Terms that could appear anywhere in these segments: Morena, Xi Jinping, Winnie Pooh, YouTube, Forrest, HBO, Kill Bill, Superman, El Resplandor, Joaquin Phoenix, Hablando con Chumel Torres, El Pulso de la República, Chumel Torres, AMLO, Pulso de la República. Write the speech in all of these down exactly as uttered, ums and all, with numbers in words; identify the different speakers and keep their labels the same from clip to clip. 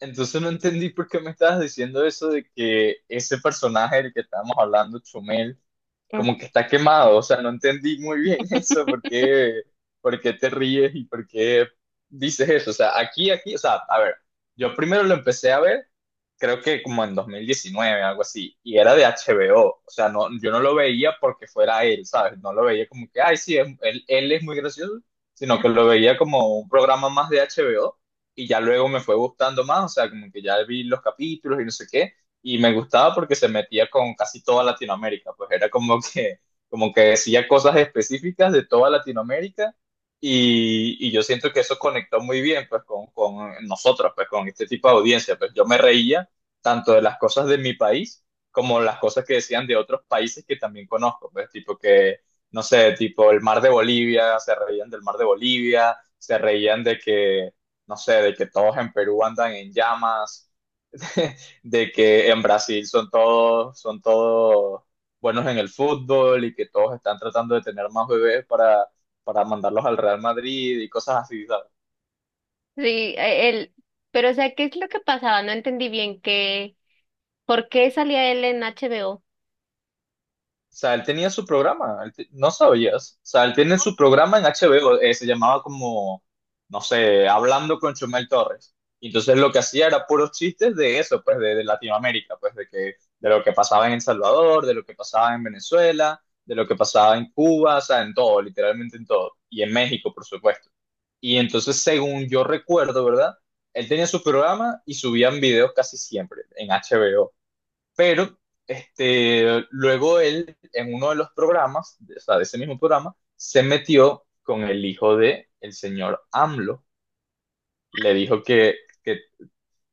Speaker 1: Entonces no entendí por qué me estabas diciendo eso de que ese personaje del que estábamos hablando, Chumel,
Speaker 2: Mm.
Speaker 1: como que está quemado. O sea, no entendí muy bien eso, por qué, por qué te ríes y por qué dices eso. O sea, aquí, aquí, o sea, a ver, yo primero lo empecé a ver, creo que como en dos mil diecinueve, algo así, y era de H B O. O O sea, no, yo no lo veía porque fuera él, ¿sabes? No lo veía como que, ay, sí, es- él, él es muy gracioso, sino que lo veía como un programa más de H B O y ya luego me fue gustando más, o sea, como que ya vi los capítulos y no sé qué, y me gustaba porque se metía con casi toda Latinoamérica, pues era como que, como que decía cosas específicas de toda Latinoamérica y, y yo siento que eso conectó muy bien pues con, con nosotros, pues con este tipo de audiencia, pues yo me reía tanto de las cosas de mi país como las cosas que decían de otros países que también conozco, pues tipo que, no sé, tipo el mar de Bolivia, se reían del mar de Bolivia, se reían de que no sé, de que todos en Perú andan en llamas, de que en Brasil son todos, son todos buenos en el fútbol y que todos están tratando de tener más bebés para, para mandarlos al Real Madrid y cosas así, ¿sabes?
Speaker 2: Sí, eh, él, pero o sea, ¿qué es lo que pasaba? No entendí bien que, ¿por qué salía él en H B O?
Speaker 1: O sea, él tenía su programa, él te- no sabías. O sea, él tiene su programa en H B O, eh, se llamaba como, no sé, Hablando con Chumel Torres. Y entonces lo que hacía era puros chistes de eso, pues de, de Latinoamérica, pues de que, de lo que pasaba en El Salvador, de lo que pasaba en Venezuela, de lo que pasaba en Cuba, o sea, en todo, literalmente en todo. Y en México, por supuesto. Y entonces, según yo recuerdo, ¿verdad? Él tenía su programa y subían videos casi siempre en H B O. Pero este, luego él, en uno de los programas, o sea, de ese mismo programa, se metió con el hijo de el señor A M L O. Le dijo que, que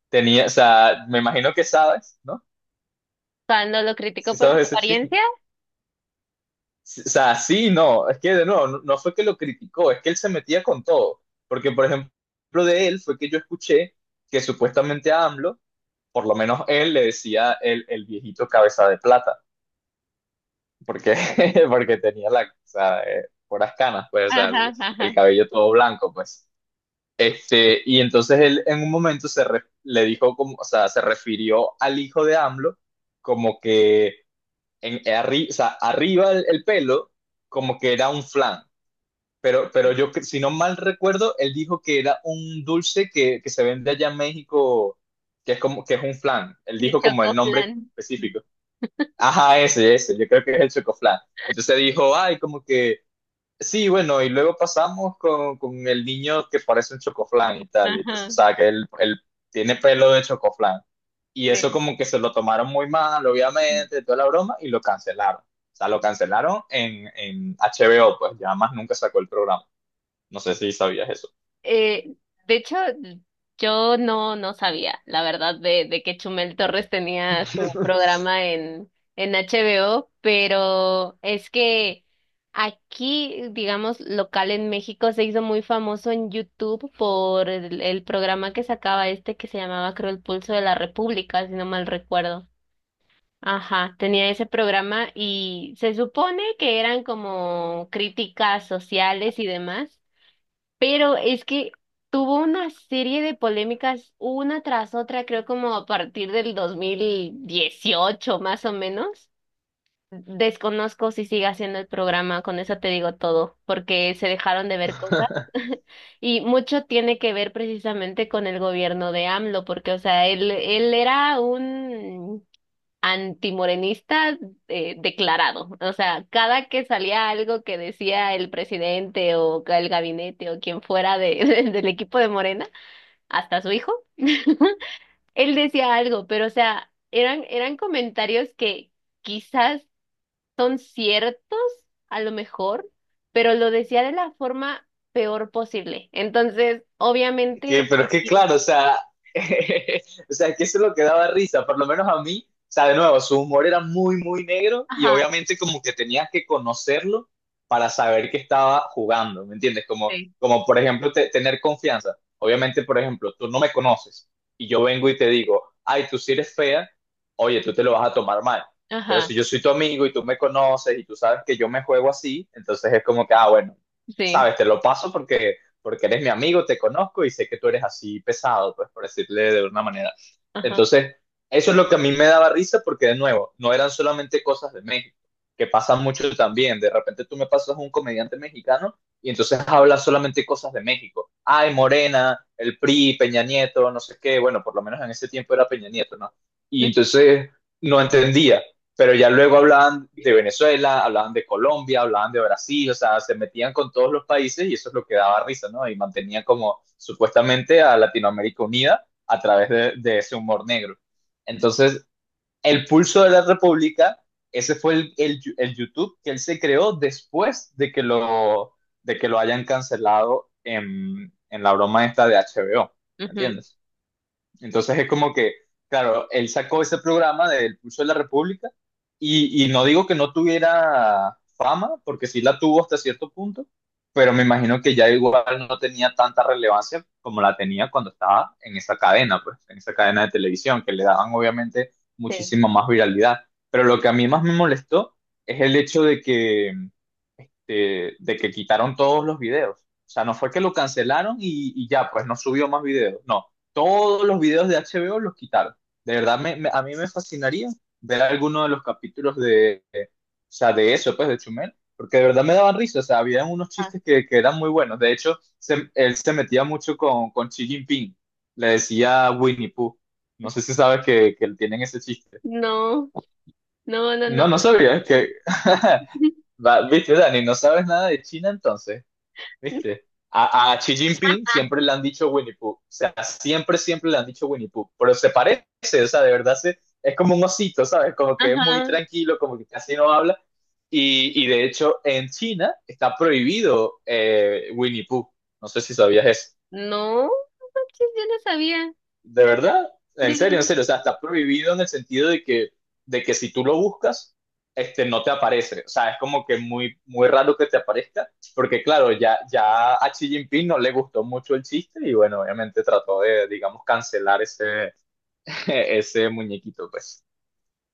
Speaker 1: tenía, o sea, me imagino que sabes, ¿no?
Speaker 2: Cuando lo criticó
Speaker 1: Si
Speaker 2: por su
Speaker 1: sabes ese chisme.
Speaker 2: apariencia.
Speaker 1: Sí, o sea, sí, no, es que de nuevo, no, no fue que lo criticó, es que él se metía con todo. Porque, por ejemplo, de él fue que yo escuché que supuestamente a AMLO, por lo menos él le decía el, el viejito cabeza de plata. Porque, porque tenía la, o sea, eh, puras canas, pues, o sea, el,
Speaker 2: Ajá,
Speaker 1: el
Speaker 2: ajá.
Speaker 1: cabello todo blanco, pues. Este, y entonces él en un momento se re- le dijo como, o sea, se refirió al hijo de A M L O como que en, eh, arri- o sea, arriba el, el pelo como que era un flan, pero, pero yo, cre- si no mal recuerdo, él dijo que era un dulce que, que se vende allá en México, que es como, que es un flan, él
Speaker 2: El
Speaker 1: dijo como el
Speaker 2: chocó
Speaker 1: nombre
Speaker 2: plan.
Speaker 1: específico. Ajá, ese, ese, yo creo que es el chocoflan. Entonces dijo, ay, como que, sí, bueno, y luego pasamos con, con el niño que parece un chocoflan y tal. Entonces, o
Speaker 2: Ajá,
Speaker 1: sea, que él, él tiene pelo de chocoflan. Y eso
Speaker 2: sí.
Speaker 1: como que se lo tomaron muy mal, obviamente, toda la broma, y lo cancelaron. O sea, lo cancelaron en, en H B O, pues ya más nunca sacó el programa. No sé si sabías eso.
Speaker 2: Eh, de hecho, yo no, no sabía, la verdad, de, de que Chumel Torres tenía su programa en, en H B O, pero es que aquí, digamos, local en México se hizo muy famoso en YouTube por el, el programa que sacaba este que se llamaba, creo, El Pulso de la República, si no mal recuerdo. Ajá, tenía ese programa y se supone que eran como críticas sociales y demás. Pero es que tuvo una serie de polémicas una tras otra, creo como a partir del dos mil dieciocho más o menos. Desconozco si sigue haciendo el programa, con eso te digo todo, porque se dejaron de ver cosas. Y mucho tiene que ver precisamente con el gobierno de AMLO, porque, o sea, él, él era un antimorenista eh, declarado. O sea, cada que salía algo que decía el presidente o el gabinete o quien fuera de, del equipo de Morena, hasta su hijo, él decía algo, pero o sea, eran, eran comentarios que quizás son ciertos, a lo mejor, pero lo decía de la forma peor posible. Entonces,
Speaker 1: Que,
Speaker 2: obviamente,
Speaker 1: pero es que
Speaker 2: aquí,
Speaker 1: claro, o sea, o sea, que eso es lo que daba risa, por lo menos a mí, o sea, de nuevo, su humor era muy, muy negro y
Speaker 2: ajá,
Speaker 1: obviamente como que tenías que conocerlo para saber que estaba jugando, ¿me entiendes? Como,
Speaker 2: sí,
Speaker 1: como por ejemplo, te- tener confianza. Obviamente, por ejemplo, tú no me conoces y yo vengo y te digo, ay, tú sí eres fea, oye, tú te lo vas a tomar mal. Pero si
Speaker 2: ajá,
Speaker 1: yo soy tu amigo y tú me conoces y tú sabes que yo me juego así, entonces es como que, ah, bueno,
Speaker 2: sí,
Speaker 1: sabes, te lo paso porque porque eres mi amigo, te conozco y sé que tú eres así pesado, pues por decirle de una manera.
Speaker 2: ajá,
Speaker 1: Entonces, eso es lo que a mí me daba risa porque de nuevo, no eran solamente cosas de México, que pasan mucho también. De repente tú me pasas un comediante mexicano y entonces habla solamente cosas de México. Ay, Morena, el P R I, Peña Nieto, no sé qué, bueno, por lo menos en ese tiempo era Peña Nieto, ¿no? Y
Speaker 2: mm,
Speaker 1: entonces no entendía pero ya luego hablaban de Venezuela, hablaban de Colombia, hablaban de Brasil, o sea, se metían con todos los países y eso es lo que daba risa, ¿no? Y mantenían como supuestamente a Latinoamérica unida a través de, de ese humor negro. Entonces, el pulso de la República, ese fue el, el, el, YouTube que él se creó después de que lo, de que lo hayan cancelado en, en la broma esta de H B O,
Speaker 2: ujú,
Speaker 1: ¿entiendes? Entonces es como que, claro, él sacó ese programa del Pulso de la República y, y no digo que no tuviera fama, porque sí la tuvo hasta cierto punto, pero me imagino que ya igual no tenía tanta relevancia como la tenía cuando estaba en esa cadena, pues, en esa cadena de televisión, que le daban obviamente
Speaker 2: sí.
Speaker 1: muchísima más viralidad. Pero lo que a mí más me molestó es el hecho de que de, de que quitaron todos los videos. O sea, no fue que lo cancelaron y, y ya, pues no subió más videos. No, todos los videos de H B O los quitaron. De verdad, me, me- a mí me fascinaría ver alguno de los capítulos de, de- o sea, de eso, pues, de Chumel, porque de verdad me daban risa. O sea, había unos
Speaker 2: Ah,
Speaker 1: chistes que, que eran muy buenos. De hecho, se- él se metía mucho con, con Xi Jinping. Le decía Winnie Pooh. No sé si sabes que, que tienen ese chiste.
Speaker 2: no, no, no, no,
Speaker 1: No, no
Speaker 2: la
Speaker 1: sabía. Es que...
Speaker 2: verdad.
Speaker 1: Va, viste, Dani, no sabes nada de China entonces. ¿Viste? A, a Xi Jinping siempre le han dicho Winnie Pooh. O sea, siempre, siempre le han dicho Winnie Pooh. Pero se parece, o sea, de verdad se, es como un osito, ¿sabes? Como que es muy
Speaker 2: Ajá.
Speaker 1: tranquilo, como que casi no habla. Y, y de hecho, en China está prohibido eh, Winnie Pooh. No sé si sabías eso.
Speaker 2: No, no manches, yo no sabía.
Speaker 1: De verdad,
Speaker 2: De
Speaker 1: en serio, en
Speaker 2: verdad
Speaker 1: serio, o
Speaker 2: que
Speaker 1: sea, está prohibido en el sentido de que, de que si tú lo buscas, este, no te aparece. O sea, es como que muy, muy raro que te aparezca, porque claro, ya, ya a Xi Jinping no le gustó mucho el chiste y bueno, obviamente trató de, digamos, cancelar ese, ese muñequito, pues,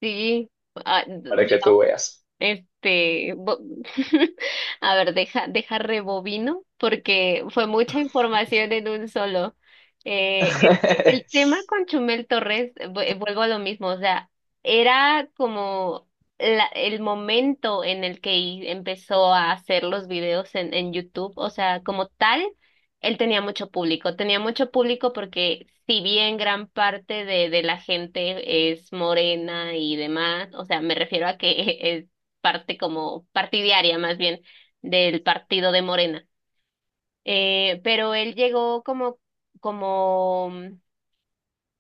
Speaker 2: sí. Ah,
Speaker 1: para que tú veas.
Speaker 2: Este, bo- a ver, deja, deja rebobino porque fue mucha información en un solo. Eh, el, el tema con Chumel Torres, eh, vu- eh, vuelvo a lo mismo, o sea, era como la- el momento en el que i- empezó a hacer los videos en, en YouTube, o sea, como tal, él tenía mucho público, tenía mucho público porque si bien gran parte de, de la gente es morena y demás, o sea, me refiero a que parte como partidaria más bien del partido de Morena. Eh, pero él llegó como, como mm,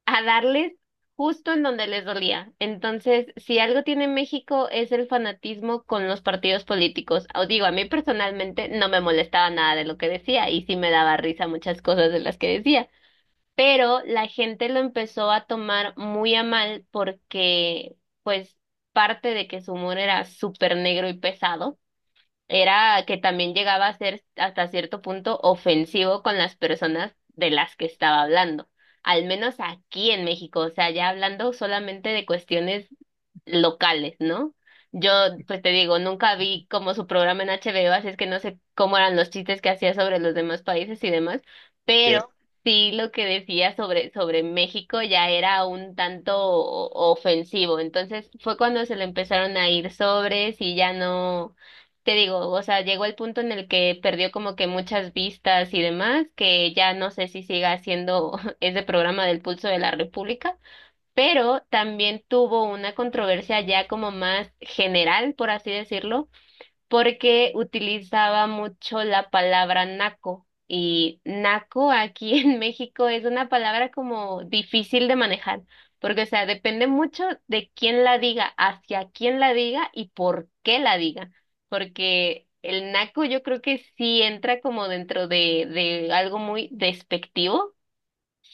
Speaker 2: a darles justo en donde les dolía. Entonces, si algo tiene México es el fanatismo con los partidos políticos. Os digo, a mí personalmente no me molestaba nada de lo que decía y sí me daba risa muchas cosas de las que decía. Pero la gente lo empezó a tomar muy a mal porque, pues, parte de que su humor era súper negro y pesado era que también llegaba a ser hasta cierto punto ofensivo con las personas de las que estaba hablando, al menos aquí en México, o sea, ya hablando solamente de cuestiones locales, ¿no? Yo, pues te digo, nunca vi como su programa en H B O, así es que no sé cómo eran los chistes que hacía sobre los demás países y demás, pero
Speaker 1: Que,
Speaker 2: sí lo que decía sobre, sobre México ya era un tanto o- ofensivo. Entonces fue cuando se le empezaron a ir sobres y ya no, te digo, o sea, llegó el punto en el que perdió como que muchas vistas y demás, que ya no sé si siga haciendo ese programa del Pulso de la República, pero también tuvo una controversia ya como más general, por así decirlo, porque utilizaba mucho la palabra naco. Y naco aquí en México es una palabra como difícil de manejar, porque, o sea, depende mucho de quién la diga, hacia quién la diga y por qué la diga, porque el naco yo creo que sí entra como dentro de, de algo muy despectivo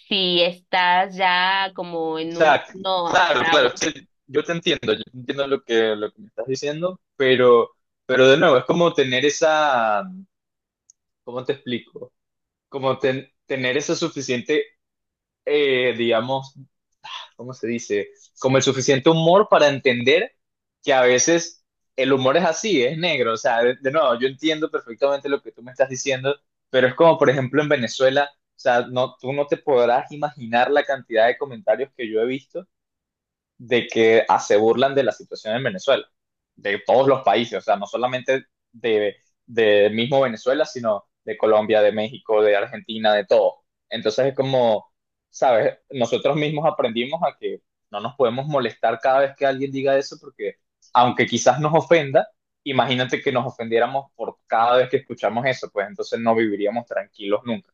Speaker 2: si estás ya como
Speaker 1: o
Speaker 2: en un
Speaker 1: sea,
Speaker 2: no
Speaker 1: claro, claro, es
Speaker 2: bravo.
Speaker 1: que yo te entiendo, yo te entiendo lo que, lo que me estás diciendo, pero, pero de nuevo, es como tener esa, ¿cómo te explico? Como ten- tener ese suficiente, eh, digamos, ¿cómo se dice? Como el suficiente humor para entender que a veces el humor es así, es negro. O sea, de, de nuevo, yo entiendo perfectamente lo que tú me estás diciendo, pero es como, por ejemplo, en Venezuela, o sea, no, tú no te podrás imaginar la cantidad de comentarios que yo he visto de que ah, se burlan de la situación en Venezuela, de todos los países, o sea, no solamente de, de mismo Venezuela, sino de Colombia, de México, de Argentina, de todo. Entonces es como, ¿sabes? Nosotros mismos aprendimos a que no nos podemos molestar cada vez que alguien diga eso, porque aunque quizás nos ofenda, imagínate que nos ofendiéramos por cada vez que escuchamos eso, pues entonces no viviríamos tranquilos nunca.